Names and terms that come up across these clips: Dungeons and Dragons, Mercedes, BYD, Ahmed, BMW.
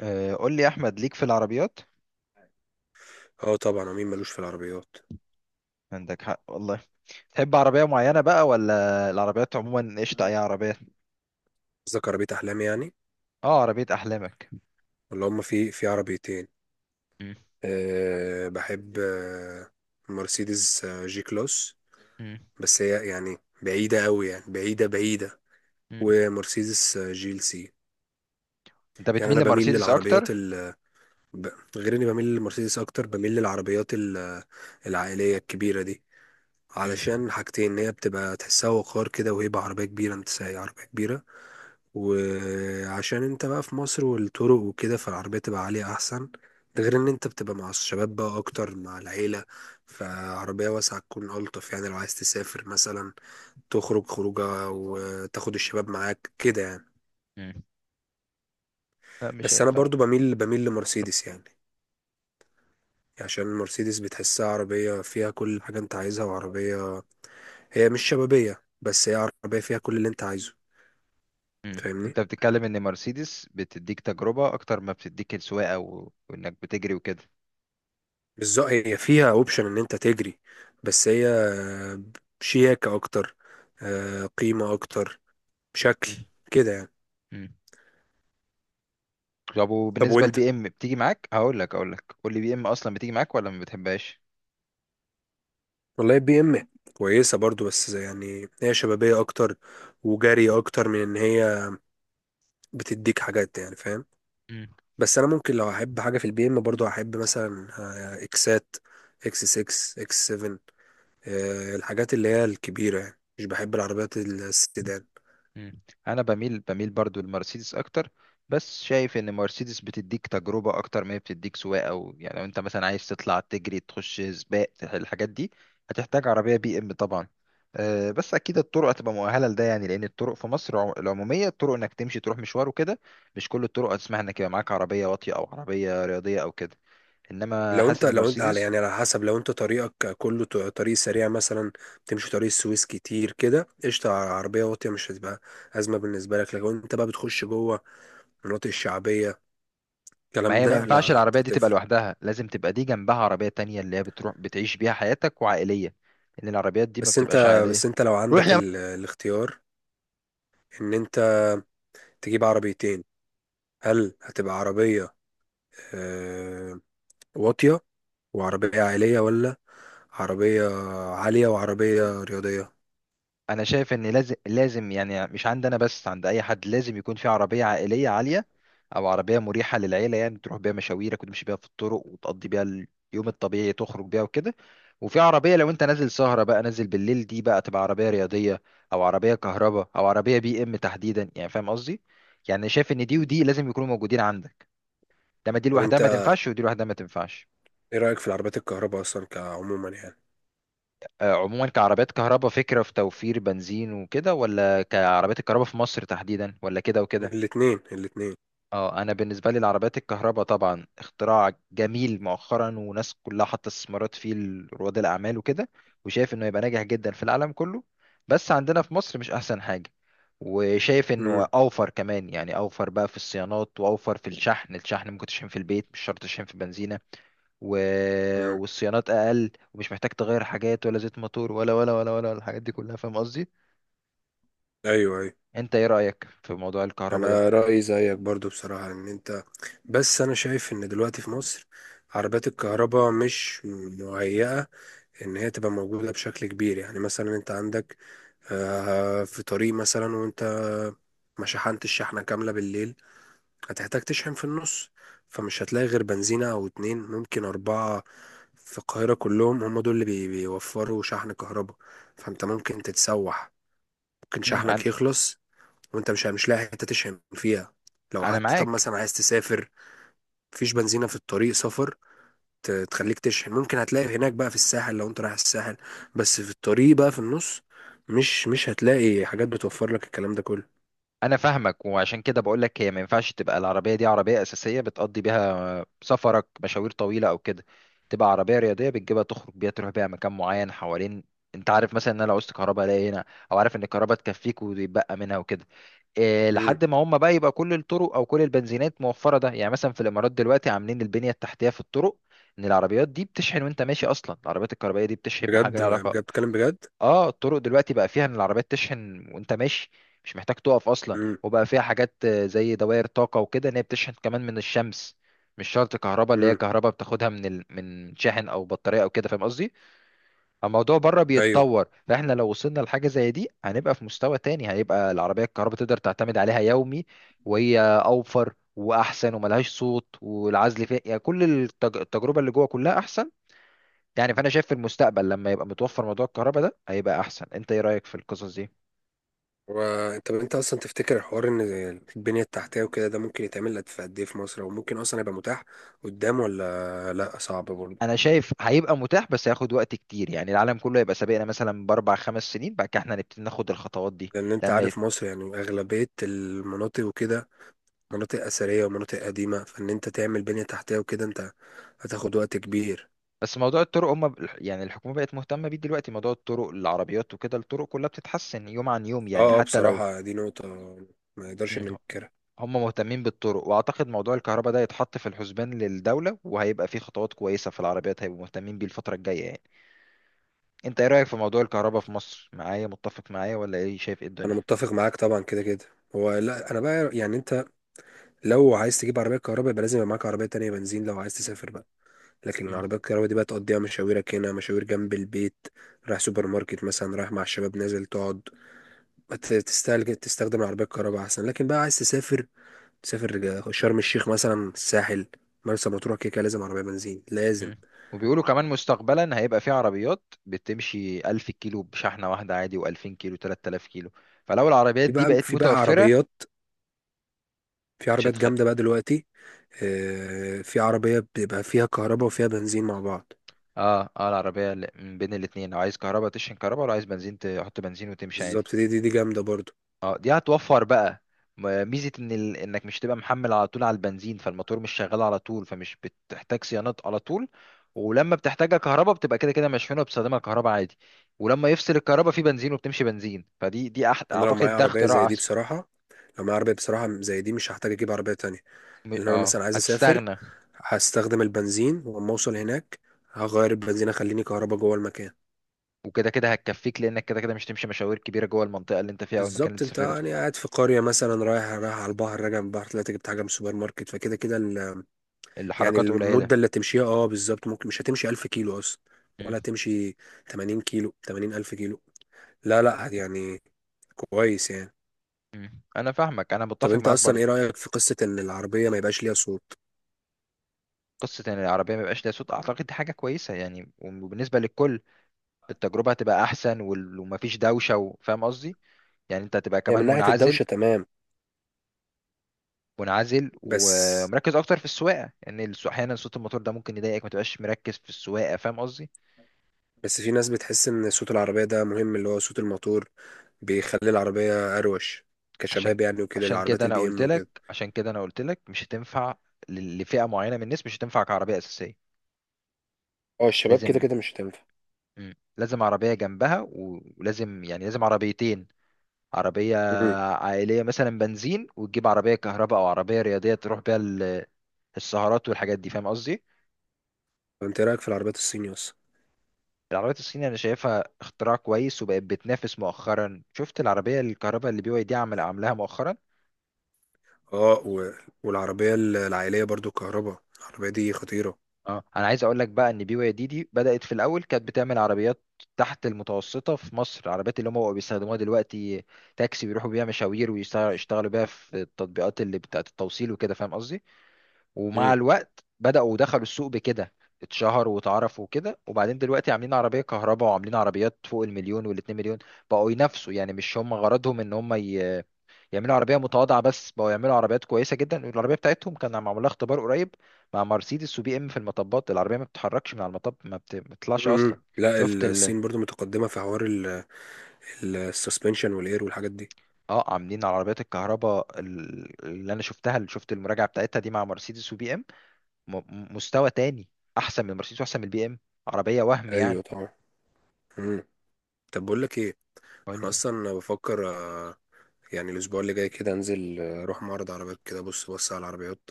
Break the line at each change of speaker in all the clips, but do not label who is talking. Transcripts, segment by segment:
آه، قول لي يا احمد، ليك في العربيات.
اه طبعا، ومين ملوش في العربيات؟
عندك حق والله. تحب عربيه معينه بقى، ولا العربيات عموما قشطه اي عربيه؟
قصدك عربية أحلام يعني.
اه، عربيه احلامك.
ولا هما في عربيتين.
مم.
أه بحب مرسيدس، جي كلاس.
مم.
بس هي يعني بعيدة أوي، يعني بعيدة بعيدة.
مم.
ومرسيدس، جيل سي.
انت
يعني
بتميل
أنا بميل
لمرسيدس
للعربيات،
اكتر؟
ب- غير اني بميل للمرسيدس اكتر، بميل للعربيات العائليه الكبيره دي،
مم.
علشان حاجتين: ان هي بتبقى تحسها وقار كده وهيبة عربيه كبيره، انت سايق عربيه كبيره. وعشان انت بقى في مصر والطرق وكده، فالعربية تبقى عالية احسن. ده غير ان انت بتبقى مع الشباب بقى اكتر، مع العيلة، فعربية واسعة تكون الطف. يعني لو عايز تسافر مثلا، تخرج خروجة وتاخد الشباب معاك كده يعني.
مم. لا، مش
بس انا
هينفع.
برضو بميل لمرسيدس يعني، عشان المرسيدس بتحسها عربية فيها كل حاجة انت عايزها، وعربية هي مش شبابية بس هي عربية فيها كل اللي انت عايزه.
مم.
فاهمني.
انت بتتكلم ان مرسيدس بتديك تجربه اكتر ما بتديك السواقه، وانك بتجري وكده.
بالظبط، هي فيها اوبشن ان انت تجري، بس هي شياكة اكتر، قيمة اكتر، شكل
مم.
كده يعني.
مم. طب،
طب
وبالنسبه
وانت؟
للبي ام بتيجي معاك، هقول لك هقول لك قول لي، بي ام اصلا بتيجي معاك ولا ما بتحبهاش؟
والله بي ام كويسة برضو، بس يعني هي شبابية اكتر وجري اكتر، من ان هي بتديك حاجات يعني، فاهم؟ بس انا ممكن لو هحب حاجه في البي ام برضو، هحب مثلا اكسات، اكس 6، اكس 7، الحاجات اللي هي الكبيره يعني. مش بحب العربيات السيدان.
مم. انا بميل برضو لمرسيدس اكتر. بس شايف ان مرسيدس بتديك تجربه اكتر ما هي بتديك سواقه، او يعني لو انت مثلا عايز تطلع تجري تخش سباق، الحاجات دي هتحتاج عربيه بي ام طبعا. أه، بس اكيد الطرق هتبقى مؤهله لده، يعني لان الطرق في مصر العموميه، الطرق انك تمشي تروح مشوار وكده. مش كل الطرق هتسمح انك يبقى معاك عربيه واطيه او عربيه رياضيه او كده. انما
لو
حاسس
انت
ان
لو انت على،
مرسيدس،
يعني على حسب، لو انت طريقك كله طريق سريع مثلا، تمشي طريق السويس كتير كده، قشطة، عربية واطية مش هتبقى أزمة بالنسبة لك. لكن لو انت بقى بتخش جوه المناطق الشعبية،
ما
الكلام
هي ما
ده
ينفعش
لا،
العربية دي تبقى
هتفرق.
لوحدها، لازم تبقى دي جنبها عربية تانية اللي هي بتروح بتعيش بيها حياتك وعائلية. لأن العربيات دي ما
بس انت
بتبقاش عائلية.
بس انت لو
روح
عندك
يا م-
الاختيار ان انت تجيب عربيتين، هل هتبقى عربية آه، واطية وعربية عائلية، ولا عربية عالية وعربية رياضية؟
أنا شايف إن لازم، يعني مش عند أنا بس، عند أي حد لازم يكون في عربية عائلية عالية. أو عربية مريحة للعيلة، يعني تروح بيها مشاويرك وتمشي بيها في الطرق وتقضي بيها اليوم الطبيعي، تخرج بيها وكده. وفي عربية لو أنت نازل سهرة بقى، نازل بالليل، دي بقى تبقى عربية رياضية. أو عربية كهرباء أو عربية بي إم تحديدا، يعني فاهم قصدي؟ يعني شايف إن دي
مم.
ودي لازم يكونوا موجودين عندك. ده، ما دي
طب
لوحدها
انت
ما تنفعش ودي لوحدها ما تنفعش.
ايه رأيك في العربيات الكهرباء اصلا، كعموما يعني؟
آه، عموما، كعربيات كهرباء فكرة في توفير بنزين وكده، ولا كعربيات الكهرباء في مصر تحديدا، ولا كده وكده؟
الاتنين الاتنين.
اه، انا بالنسبه لي العربيات الكهرباء طبعا اختراع جميل مؤخرا، وناس كلها حاطه استثمارات فيه، رواد الاعمال وكده. وشايف انه يبقى ناجح جدا في العالم كله. بس عندنا في مصر مش احسن حاجه. وشايف انه
امم.
اوفر كمان، يعني اوفر بقى في الصيانات واوفر في الشحن ممكن تشحن في البيت، مش شرط تشحن في بنزينه. و...
امم.
والصيانات اقل، ومش محتاج تغير حاجات ولا زيت موتور ولا الحاجات دي كلها، فاهم قصدي.
ايوه ايوه.
انت ايه رايك في موضوع الكهرباء ده؟
انا رأيي زيك برضو بصراحة، ان انت، بس انا شايف ان دلوقتي في مصر عربيات الكهرباء مش مهيئة ان هي تبقى موجودة بشكل كبير. يعني مثلا انت عندك في طريق مثلا، وانت ما شحنتش شحنة كاملة بالليل، هتحتاج تشحن في النص، فمش هتلاقي غير بنزينة أو اتنين، ممكن أربعة في القاهرة كلهم هم دول اللي بيوفروا شحن كهرباء. فأنت ممكن تتسوح، ممكن شحنك
انا
يخلص وأنت مش لاقي حتة تشحن فيها. لو
أنا
حتى طب
معاك.
مثلا عايز تسافر، مفيش بنزينة في الطريق سفر تخليك تشحن. ممكن هتلاقي هناك بقى في الساحل لو أنت رايح الساحل، بس في الطريق بقى في النص، مش هتلاقي حاجات بتوفر لك الكلام ده كله.
انا فاهمك، وعشان كده بقول لك هي ما ينفعش تبقى العربيه دي عربيه اساسيه بتقضي بيها سفرك مشاوير طويله او كده. تبقى عربيه رياضيه بتجيبها تخرج بيها، تروح بيها مكان معين حوالين. انت عارف مثلا ان انا لو عوزت كهرباء الاقي هنا، او عارف ان الكهرباء تكفيك ويتبقى منها وكده. إيه
امم.
لحد ما هم بقى يبقى كل الطرق او كل البنزينات موفره، ده يعني مثلا في الامارات دلوقتي عاملين البنيه التحتيه في الطرق ان العربيات دي بتشحن وانت ماشي، اصلا العربيات الكهربائيه دي بتشحن بحاجه
بجد
لها
بجد،
علاقه.
بتكلم بجد.
اه، الطرق دلوقتي بقى فيها ان العربيات تشحن وانت ماشي، مش محتاج تقف اصلا،
امم.
وبقى فيها حاجات زي دوائر طاقة وكده، ان هي بتشحن كمان من الشمس. مش شرط كهرباء اللي هي
امم.
كهرباء بتاخدها من شاحن او بطارية او كده، فاهم قصدي. الموضوع بره
ايوه.
بيتطور، فاحنا لو وصلنا لحاجة زي دي هنبقى في مستوى تاني، هيبقى العربية الكهرباء تقدر تعتمد عليها يومي. وهي اوفر واحسن وملهاش صوت والعزل فيها، يعني كل التجربة اللي جوه كلها احسن. يعني فانا شايف في المستقبل لما يبقى متوفر موضوع الكهرباء ده هيبقى احسن، انت ايه رايك في القصص دي؟
و- طب انت اصلا تفتكر حوار ان البنية التحتية وكده، ده ممكن يتعمل لك في قد ايه في مصر؟ وممكن اصلا يبقى متاح قدام، ولا لا، صعب برضه؟
انا شايف هيبقى متاح بس هياخد وقت كتير، يعني العالم كله هيبقى سابقنا مثلا باربع خمس سنين، بعد كده احنا هنبتدي ناخد الخطوات دي.
لان انت
لما يت...
عارف مصر يعني، اغلبية المناطق وكده مناطق اثرية ومناطق قديمة، فان انت تعمل بنية تحتية وكده، انت هتاخد وقت كبير.
بس موضوع الطرق هم، يعني الحكومه بقت مهتمه بيه دلوقتي، موضوع الطرق العربيات وكده، الطرق كلها بتتحسن يوم عن يوم يعني،
اه اه،
حتى لو.
بصراحة دي نقطة ما يقدرش
مم.
ننكرها.
هم مهتمين بالطرق، واعتقد موضوع الكهرباء ده يتحط في الحسبان للدوله، وهيبقى فيه خطوات كويسه في العربيات، هيبقوا مهتمين بيه الفتره الجايه يعني. انت ايه رأيك في موضوع الكهرباء في مصر، معايا متفق معايا، ولا ايه شايف ايه الدنيا؟
انا متفق معاك طبعا، كده كده. هو لا، انا بقى يعني انت لو عايز تجيب عربية كهرباء، يبقى لازم يبقى معاك عربية تانية بنزين، لو عايز تسافر بقى. لكن
مم.
العربيات الكهرباء دي بقى، تقضيها مشاويرك هنا، مشاوير جنب البيت، رايح سوبر ماركت مثلا، رايح مع الشباب نازل تقعد. تستهلك تستخدم العربية الكهرباء أحسن. لكن بقى عايز تسافر، تسافر شرم الشيخ مثلا، الساحل، مرسى مطروح، كده كده لازم عربية بنزين، لازم.
مم. وبيقولوا كمان مستقبلا هيبقى في عربيات بتمشي 1000 كيلو بشحنة واحدة عادي، و2000 كيلو، 3000 كيلو. فلو العربيات
في
دي
بقى
بقت
في بقى
متوفرة،
عربيات، في
مش
عربيات
هتخلي.
جامدة بقى دلوقتي، في عربية بيبقى فيها كهرباء وفيها بنزين مع بعض.
اه، اه، العربية من بين الاتنين، لو عايز كهرباء تشحن كهرباء، ولو عايز بنزين تحط بنزين وتمشي عادي.
بالظبط، دي جامدة برضو.
اه، دي هتوفر بقى ميزة انك مش تبقى محمل على طول على البنزين، فالموتور مش شغال على طول، فمش بتحتاج صيانات على طول. ولما بتحتاجها كهرباء بتبقى كده كده مشحونة، بتستخدمها كهرباء عادي. ولما يفصل الكهرباء في بنزين وبتمشي بنزين، فدي
أنا لو
اعتقد
معايا
ده
عربية
اختراع
زي دي
احسن.
بصراحة، لو معايا عربية بصراحة زي دي، مش هحتاج أجيب عربية تانية. لأن أنا
اه،
مثلا عايز أسافر،
هتستغنى.
هستخدم البنزين، ولما اوصل هناك هغير البنزين، اخليني كهربا جوه المكان.
وكده كده هتكفيك لانك كده كده مش تمشي مشاوير كبيرة جوه المنطقة اللي انت فيها او المكان اللي انت
بالظبط، انت
سافرته.
يعني قاعد في قرية مثلا، رايح على البحر، راجع من البحر، طلعت جبت حاجة من السوبر ماركت، فكده كده يعني
الحركات قليلة.
المدة اللي تمشيها، اه بالظبط، ممكن مش هتمشي 1000 كيلو اصلا،
مم.
ولا تمشي 80 كيلو، 80 ألف كيلو، لا لا يعني، كويس يعني.
مم. انا فاهمك، انا
طب
متفق
انت
معاك
اصلا
برضو.
ايه رأيك في قصة ان العربية ما يبقاش ليها صوت؟
قصة ان العربية ما يبقاش ليها صوت، اعتقد دي حاجة كويسة يعني، وبالنسبة للكل التجربة هتبقى أحسن، ومفيش دوشة فاهم قصدي؟ يعني أنت هتبقى
هي من
كمان
ناحية
منعزل.
الدوشة تمام،
منعزل
بس،
ومركز أكتر في السواقة. لأن يعني أحيانا صوت الموتور ده ممكن يضايقك، ما تبقاش مركز في السواقة، فاهم قصدي؟
بس في ناس بتحس ان صوت العربية ده مهم، اللي هو صوت الموتور، بيخلي العربية أروش
عشان
كشباب يعني، وكده العربيات البي إم وكده.
عشان كده أنا قلت لك مش هتنفع لفئة معينة من الناس، مش هتنفع كعربية أساسية.
اه الشباب كده
لازم.
كده مش هتنفع.
مم. لازم عربية جنبها، ولازم يعني لازم عربيتين. عربية
امم.
عائلية مثلا بنزين، وتجيب عربية كهرباء أو عربية رياضية تروح بيها السهرات والحاجات دي، فاهم قصدي؟
فأنت إيه رأيك في العربيات الصيني أصلا؟
العربيات الصيني انا شايفها اختراع كويس، وبقت بتنافس مؤخرا. شفت العربيه الكهرباء اللي BYD عمل عاملاها مؤخرا.
اه، و... والعربية العائلية برضو كهرباء، العربية دي خطيرة.
اه، انا عايز اقول لك بقى ان BYD دي بدات في الاول كانت بتعمل عربيات تحت المتوسطه في مصر، العربيات اللي هم بقوا بيستخدموها دلوقتي تاكسي، بيروحوا بيها مشاوير ويشتغلوا بيها في التطبيقات اللي بتاعت التوصيل وكده، فاهم قصدي. ومع
امم.
الوقت بداوا ودخلوا السوق بكده، اتشهروا واتعرفوا وكده. وبعدين دلوقتي عاملين عربيه كهرباء، وعاملين عربيات فوق المليون والاتنين مليون. بقوا ينافسوا، يعني مش هم غرضهم ان هم يعملوا عربيه متواضعه بس، بقوا يعملوا عربيات كويسه جدا. العربيه بتاعتهم كان معمول لها اختبار قريب مع مرسيدس وبي ام في المطبات، العربيه ما بتتحركش من على المطب، ما بتطلعش اصلا.
امم. لا
شفت ال
الصين برضو متقدمة في حوار ال... السسبنشن والإير والحاجات دي.
اه، عاملين على عربيات الكهرباء، اللي انا شفتها، اللي شفت المراجعه بتاعتها دي مع مرسيدس وبي ام، مستوى تاني، احسن من مرسيدس واحسن من البي ام. عربيه وهم يعني.
أيوة طبعا. امم. طب بقول لك إيه؟
قول
أنا
لي.
أصلا بفكر، يعني الأسبوع اللي جاي كده، أنزل أروح معرض عربيات كده، بص على العربيات،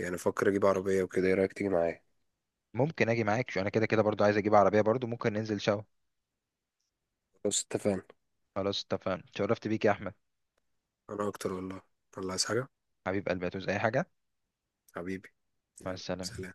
يعني بفكر أجيب عربية وكده. إيه رأيك تيجي معايا؟
ممكن اجي معاك، شو انا كده كده برضو عايز اجيب عربيه برضو، ممكن ننزل سوا.
بص، اتفقنا.
خلاص اتفقنا، شرفت بيك يا احمد.
انا اكتر والله. الله، عايز حاجة؟
حبيب قلبي، هتعوز اي حاجه؟
حبيبي.
مع
يلا
السلامه.
سلام.